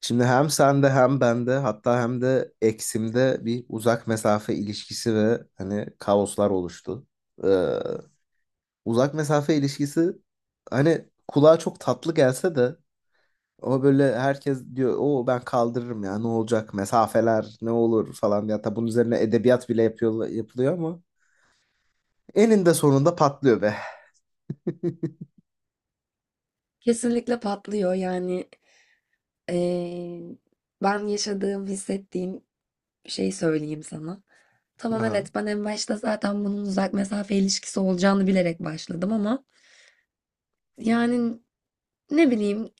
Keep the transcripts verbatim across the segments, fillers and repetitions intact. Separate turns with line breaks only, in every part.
Şimdi hem sende hem bende hatta hem de eksimde bir uzak mesafe ilişkisi ve hani kaoslar oluştu. Ee, Uzak mesafe ilişkisi hani kulağa çok tatlı gelse de ama böyle herkes diyor o ben kaldırırım ya ne olacak mesafeler ne olur falan ya hatta bunun üzerine edebiyat bile yapıyor, yapılıyor ama eninde sonunda patlıyor be.
Kesinlikle patlıyor yani eee, ben yaşadığım hissettiğim şeyi söyleyeyim sana. Tamam,
Aha,
evet, ben en başta zaten bunun uzak mesafe ilişkisi olacağını bilerek başladım ama yani ne bileyim,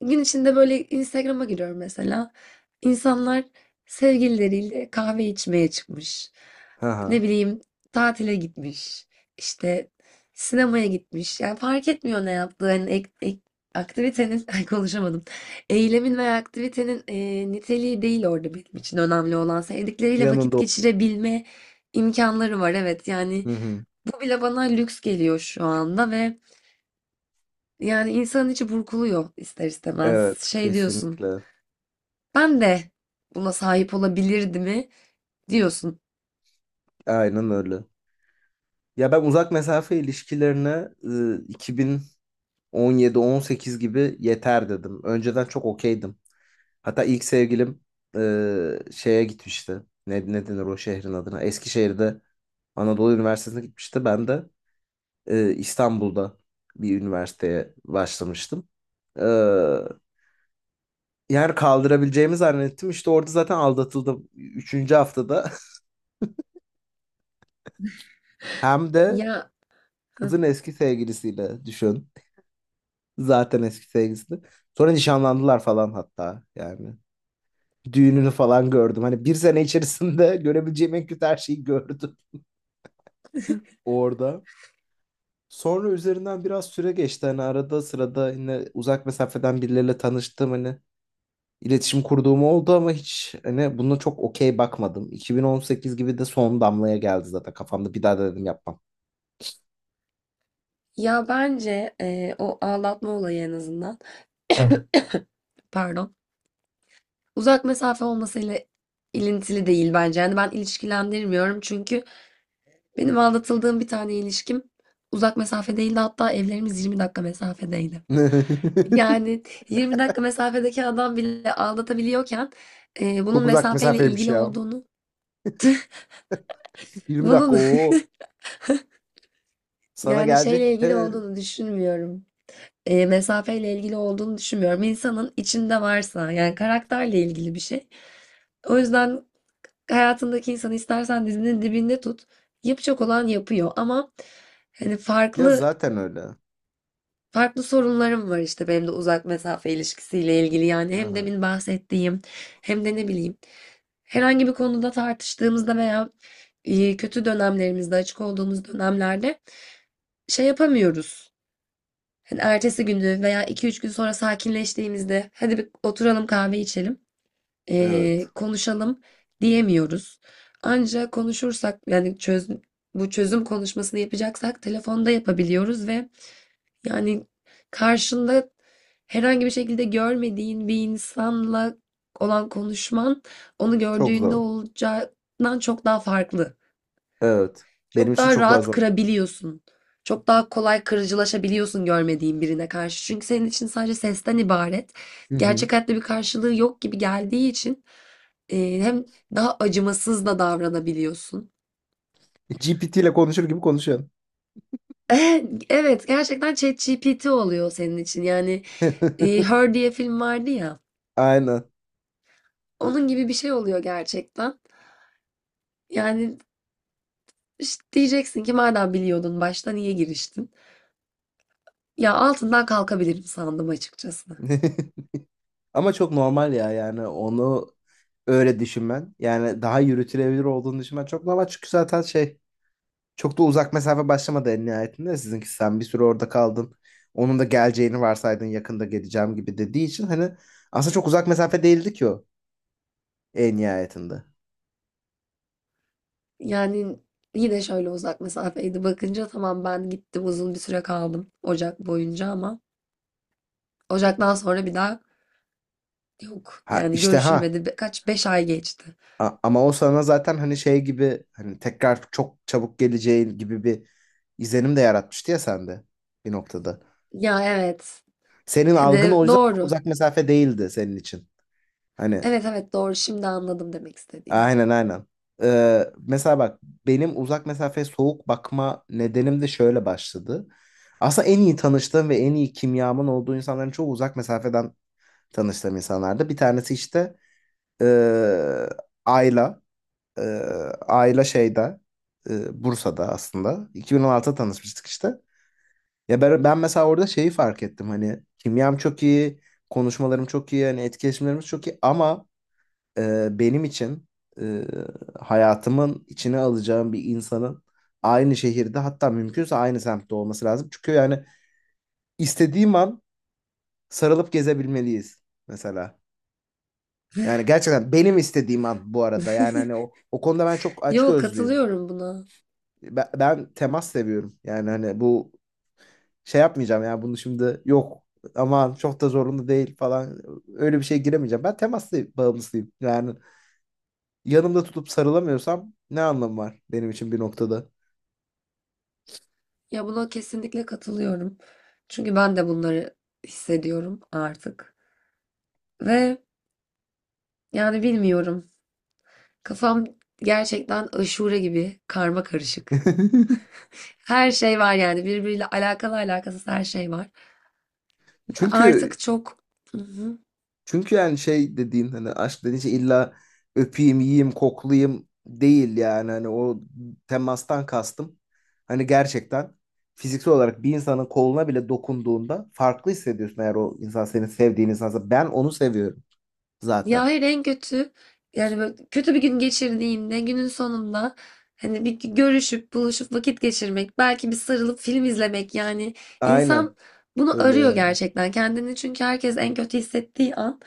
gün içinde böyle Instagram'a giriyorum mesela. İnsanlar sevgilileriyle kahve içmeye çıkmış.
aha.
Ne bileyim, tatile gitmiş. İşte sinemaya gitmiş. Yani fark etmiyor ne yaptığı. Hani ek- ek- aktivitenin, ay konuşamadım. Eylemin veya aktivitenin e, niteliği değil orada benim için önemli olan. Sevdikleriyle vakit
Yanında o.
geçirebilme imkanları var. Evet yani
Hı hı.
bu bile bana lüks geliyor şu anda ve yani insanın içi burkuluyor ister istemez.
Evet,
Şey diyorsun.
kesinlikle.
Ben de buna sahip olabilirdi mi diyorsun.
Aynen öyle. Ya ben uzak mesafe ilişkilerine e, iki bin on yedi-on sekiz gibi yeter dedim. Önceden çok okeydim. Hatta ilk sevgilim e, şeye gitmişti. Ne, ne denir o şehrin adına? Eskişehir'de Anadolu Üniversitesi'ne gitmişti. Ben de e, İstanbul'da bir üniversiteye başlamıştım. E, Yani kaldırabileceğimi zannettim. İşte orada zaten aldatıldım. Üçüncü haftada. Hem de
Ya hı.
kızın eski sevgilisiyle düşün. Zaten eski sevgilisi. Sonra nişanlandılar falan hatta yani. Düğününü falan gördüm. Hani bir sene içerisinde görebileceğim en kötü her şeyi gördüm orada. Sonra üzerinden biraz süre geçti. Hani arada sırada yine uzak mesafeden birileriyle tanıştım. Hani iletişim kurduğum oldu ama hiç hani buna çok okey bakmadım. iki bin on sekiz gibi de son damlaya geldi zaten kafamda. Bir daha da dedim yapmam.
Ya bence e, o ağlatma olayı en azından. Pardon. Uzak mesafe olmasıyla ilintili değil bence. Yani ben ilişkilendirmiyorum çünkü benim aldatıldığım bir tane ilişkim uzak mesafedeydi. Hatta evlerimiz yirmi dakika mesafedeydi. Yani yirmi dakika mesafedeki adam bile aldatabiliyorken e, bunun
Çok uzak
mesafeyle
mesafeymiş
ilgili
ya.
olduğunu
yirmi dakika
bunun
o sana
yani şeyle
gelecek
ilgili
de
olduğunu düşünmüyorum. E, mesafeyle ilgili olduğunu düşünmüyorum. İnsanın içinde varsa yani karakterle ilgili bir şey. O yüzden hayatındaki insanı istersen dizinin dibinde tut. Yapacak olan yapıyor ama hani
ya
farklı
zaten öyle.
farklı sorunlarım var işte benim de uzak mesafe ilişkisiyle ilgili. Yani hem
Aha.
demin bahsettiğim hem de ne bileyim herhangi bir konuda tartıştığımızda veya e, kötü dönemlerimizde açık olduğumuz dönemlerde şey yapamıyoruz. Hani ertesi gündü veya iki üç gün sonra sakinleştiğimizde hadi bir oturalım kahve içelim, ee,
Evet.
konuşalım diyemiyoruz. Ancak konuşursak yani çöz, bu çözüm konuşmasını yapacaksak telefonda yapabiliyoruz ve yani karşında herhangi bir şekilde görmediğin bir insanla olan konuşman onu
Çok
gördüğünde
zor.
olacağından çok daha farklı.
Evet. Benim
Çok
için
daha
çok daha
rahat
zor.
kırabiliyorsun. Çok daha kolay kırıcılaşabiliyorsun görmediğin birine karşı. Çünkü senin için sadece sesten ibaret.
Hı hı.
Gerçek hayatta bir karşılığı yok gibi geldiği için e, hem daha acımasız da davranabiliyorsun.
G P T ile konuşur gibi konuşuyorsun.
Eh, Evet, gerçekten ChatGPT oluyor senin için. Yani e, Her diye film vardı ya.
Aynen.
Onun gibi bir şey oluyor gerçekten. Yani işte diyeceksin ki madem biliyordun başta niye giriştin? Ya altından kalkabilirim sandım açıkçası.
Ama çok normal ya, yani onu öyle düşünmen. Yani daha yürütülebilir olduğunu düşünmen çok normal. Çünkü zaten şey, çok da uzak mesafe başlamadı en nihayetinde. Sizinki sen bir süre orada kaldın. Onun da geleceğini varsaydın yakında geleceğim gibi dediği için hani aslında çok uzak mesafe değildi ki o en nihayetinde.
Yani yine şöyle uzak mesafeydi. Bakınca tamam ben gittim uzun bir süre kaldım Ocak boyunca ama Ocak'tan sonra bir daha yok.
Ha
Yani
işte ha
görüşülmedi. Be- Kaç? Beş ay geçti.
A- ama o sana zaten hani şey gibi hani tekrar çok çabuk geleceğin gibi bir izlenim de yaratmıştı ya sende bir noktada.
Ya evet.
Senin algın
Hani
o yüzden çok
doğru.
uzak mesafe değildi senin için. Hani
Evet, evet, doğru. Şimdi anladım demek istediğini.
aynen aynen. Ee, mesela bak, benim uzak mesafeye soğuk bakma nedenim de şöyle başladı. Aslında en iyi tanıştığım ve en iyi kimyamın olduğu insanların çoğu uzak mesafeden tanıştığım insanlardı. Bir tanesi işte ee, Ayla. Ee, Ayla şeyde e, Bursa'da aslında. iki bin on altıda tanışmıştık işte. Ya ben, ben mesela orada şeyi fark ettim. Hani kimyam çok iyi, konuşmalarım çok iyi, hani etkileşimlerimiz çok iyi ama e, benim için e, hayatımın içine alacağım bir insanın aynı şehirde, hatta mümkünse aynı semtte olması lazım. Çünkü yani istediğim an sarılıp gezebilmeliyiz mesela. Yani gerçekten benim istediğim an, bu arada. Yani hani o, o konuda ben çok
Yok,
açgözlüyüm.
katılıyorum buna.
ben, ben temas seviyorum. Yani hani bu şey yapmayacağım ya bunu, şimdi yok aman çok da zorunda değil falan, öyle bir şey giremeyeceğim. Ben temas bağımlısıyım. Yani yanımda tutup sarılamıyorsam ne anlamı var benim için bir noktada?
Ya buna kesinlikle katılıyorum. Çünkü ben de bunları hissediyorum artık. Ve yani bilmiyorum. Kafam gerçekten aşure gibi karma karışık. Her şey var yani birbiriyle alakalı alakasız her şey var.
Çünkü
Artık çok. Hı hı.
Çünkü yani şey dediğin, hani aşk dediğin şey illa öpeyim, yiyeyim, koklayayım değil yani. Hani o temastan kastım. Hani gerçekten fiziksel olarak bir insanın koluna bile dokunduğunda farklı hissediyorsun eğer o insan senin sevdiğin insansa. Ben onu seviyorum
Ya
zaten.
hayır en kötü yani böyle kötü bir gün geçirdiğinde günün sonunda hani bir görüşüp buluşup vakit geçirmek belki bir sarılıp film izlemek yani
Aynen
insan bunu
öyle
arıyor
yani.
gerçekten kendini çünkü herkes en kötü hissettiği an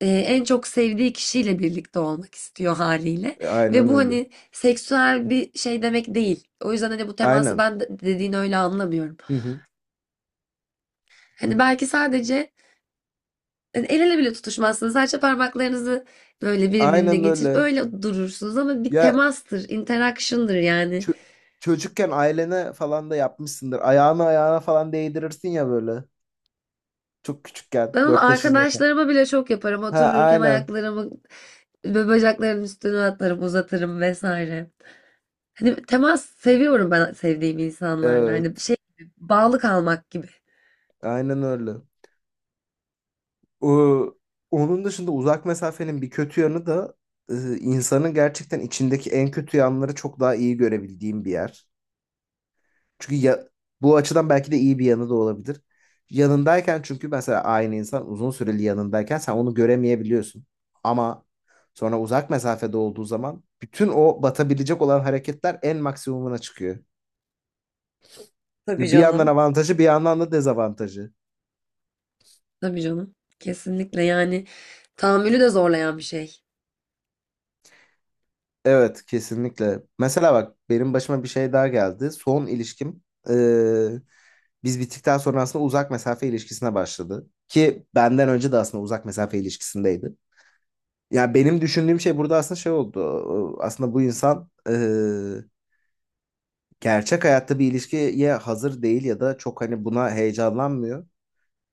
e, en çok sevdiği kişiyle birlikte olmak istiyor haliyle. Ve
Aynen
bu
öyle.
hani seksüel bir şey demek değil. O yüzden hani bu teması
Aynen.
ben de- dediğin öyle anlamıyorum.
Hı hı.
Hani belki sadece hani el ele bile tutuşmazsınız. Sadece parmaklarınızı böyle birbirine
Aynen
geçirip
öyle.
öyle durursunuz ama bir
Ya
temastır, interaction'dır yani.
çö- çocukken ailene falan da yapmışsındır. Ayağını ayağına falan değdirirsin ya böyle. Çok küçükken,
Ben onu
dört beş yaşındayken.
arkadaşlarıma bile çok yaparım.
Ha,
Otururken
aynen.
ayaklarımı ve bacaklarımın üstüne atlarım, uzatırım vesaire. Hani temas seviyorum ben sevdiğim insanlarla. Hani
Evet,
şey gibi, bağlı kalmak gibi.
aynen öyle. O- Onun dışında uzak mesafenin bir kötü yanı da e, insanın gerçekten içindeki en kötü yanları çok daha iyi görebildiğim bir yer. Çünkü ya, bu açıdan belki de iyi bir yanı da olabilir. Yanındayken, çünkü mesela aynı insan uzun süreli yanındayken sen onu göremeyebiliyorsun. Ama sonra uzak mesafede olduğu zaman bütün o batabilecek olan hareketler en maksimumuna çıkıyor.
Tabii
Yani bir yandan
canım.
avantajı, bir yandan da dezavantajı.
Tabii canım. Kesinlikle yani tahammülü de zorlayan bir şey.
Evet, kesinlikle. Mesela bak, benim başıma bir şey daha geldi. Son ilişkim eee, biz bittikten sonra aslında uzak mesafe ilişkisine başladı. Ki benden önce de aslında uzak mesafe ilişkisindeydi. Yani benim düşündüğüm şey burada aslında şey oldu. Aslında bu insan eee, gerçek hayatta bir ilişkiye hazır değil ya da çok hani buna heyecanlanmıyor.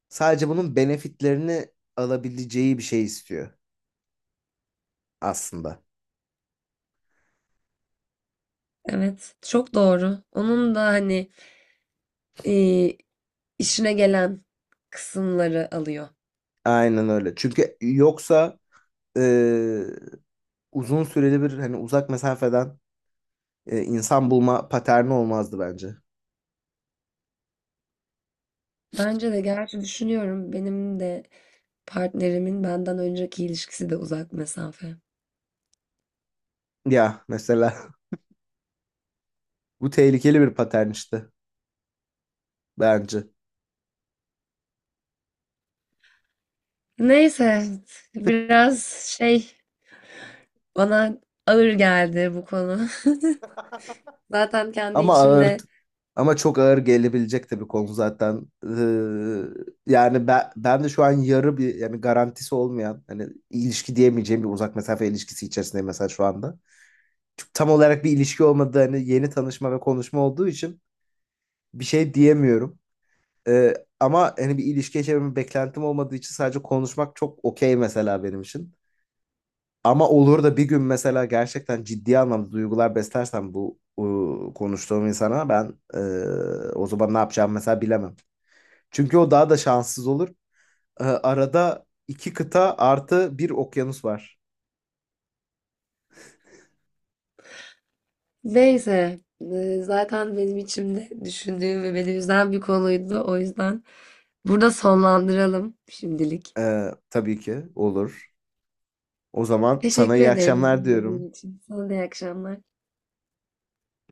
Sadece bunun benefitlerini alabileceği bir şey istiyor aslında.
Evet, çok doğru. Onun da hani Eee, işine gelen kısımları alıyor.
Aynen öyle. Çünkü yoksa e, uzun süreli bir hani uzak mesafeden e, insan bulma paterni olmazdı bence.
Bence de gerçi düşünüyorum benim de partnerimin benden önceki ilişkisi de uzak mesafe.
Ya mesela bu tehlikeli bir patern işte bence.
Neyse biraz şey bana ağır geldi bu konu. Zaten kendi
Ama ağır,
içimde
ama çok ağır gelebilecek tabii konu zaten. Ee, yani ben, ben de şu an yarı bir, yani garantisi olmayan, hani ilişki diyemeyeceğim bir uzak mesafe ilişkisi içerisindeyim mesela şu anda. Çünkü tam olarak bir ilişki olmadığı, hani yeni tanışma ve konuşma olduğu için bir şey diyemiyorum. Ee, Ama hani bir ilişki yaşamamın beklentim olmadığı için sadece konuşmak çok okey mesela benim için. Ama olur da bir gün mesela gerçekten ciddi anlamda duygular beslersem bu e, konuştuğum insana ben, e, o zaman ne yapacağımı mesela bilemem. Çünkü o daha da şanssız olur. Ee, arada iki kıta artı bir okyanus var.
neyse e, zaten benim içimde düşündüğüm ve beni üzen bir konuydu. O yüzden burada sonlandıralım şimdilik.
Ee, tabii ki olur. O zaman sana
Teşekkür
iyi
ederim
akşamlar diyorum.
dinlediğin için. Sana da iyi akşamlar.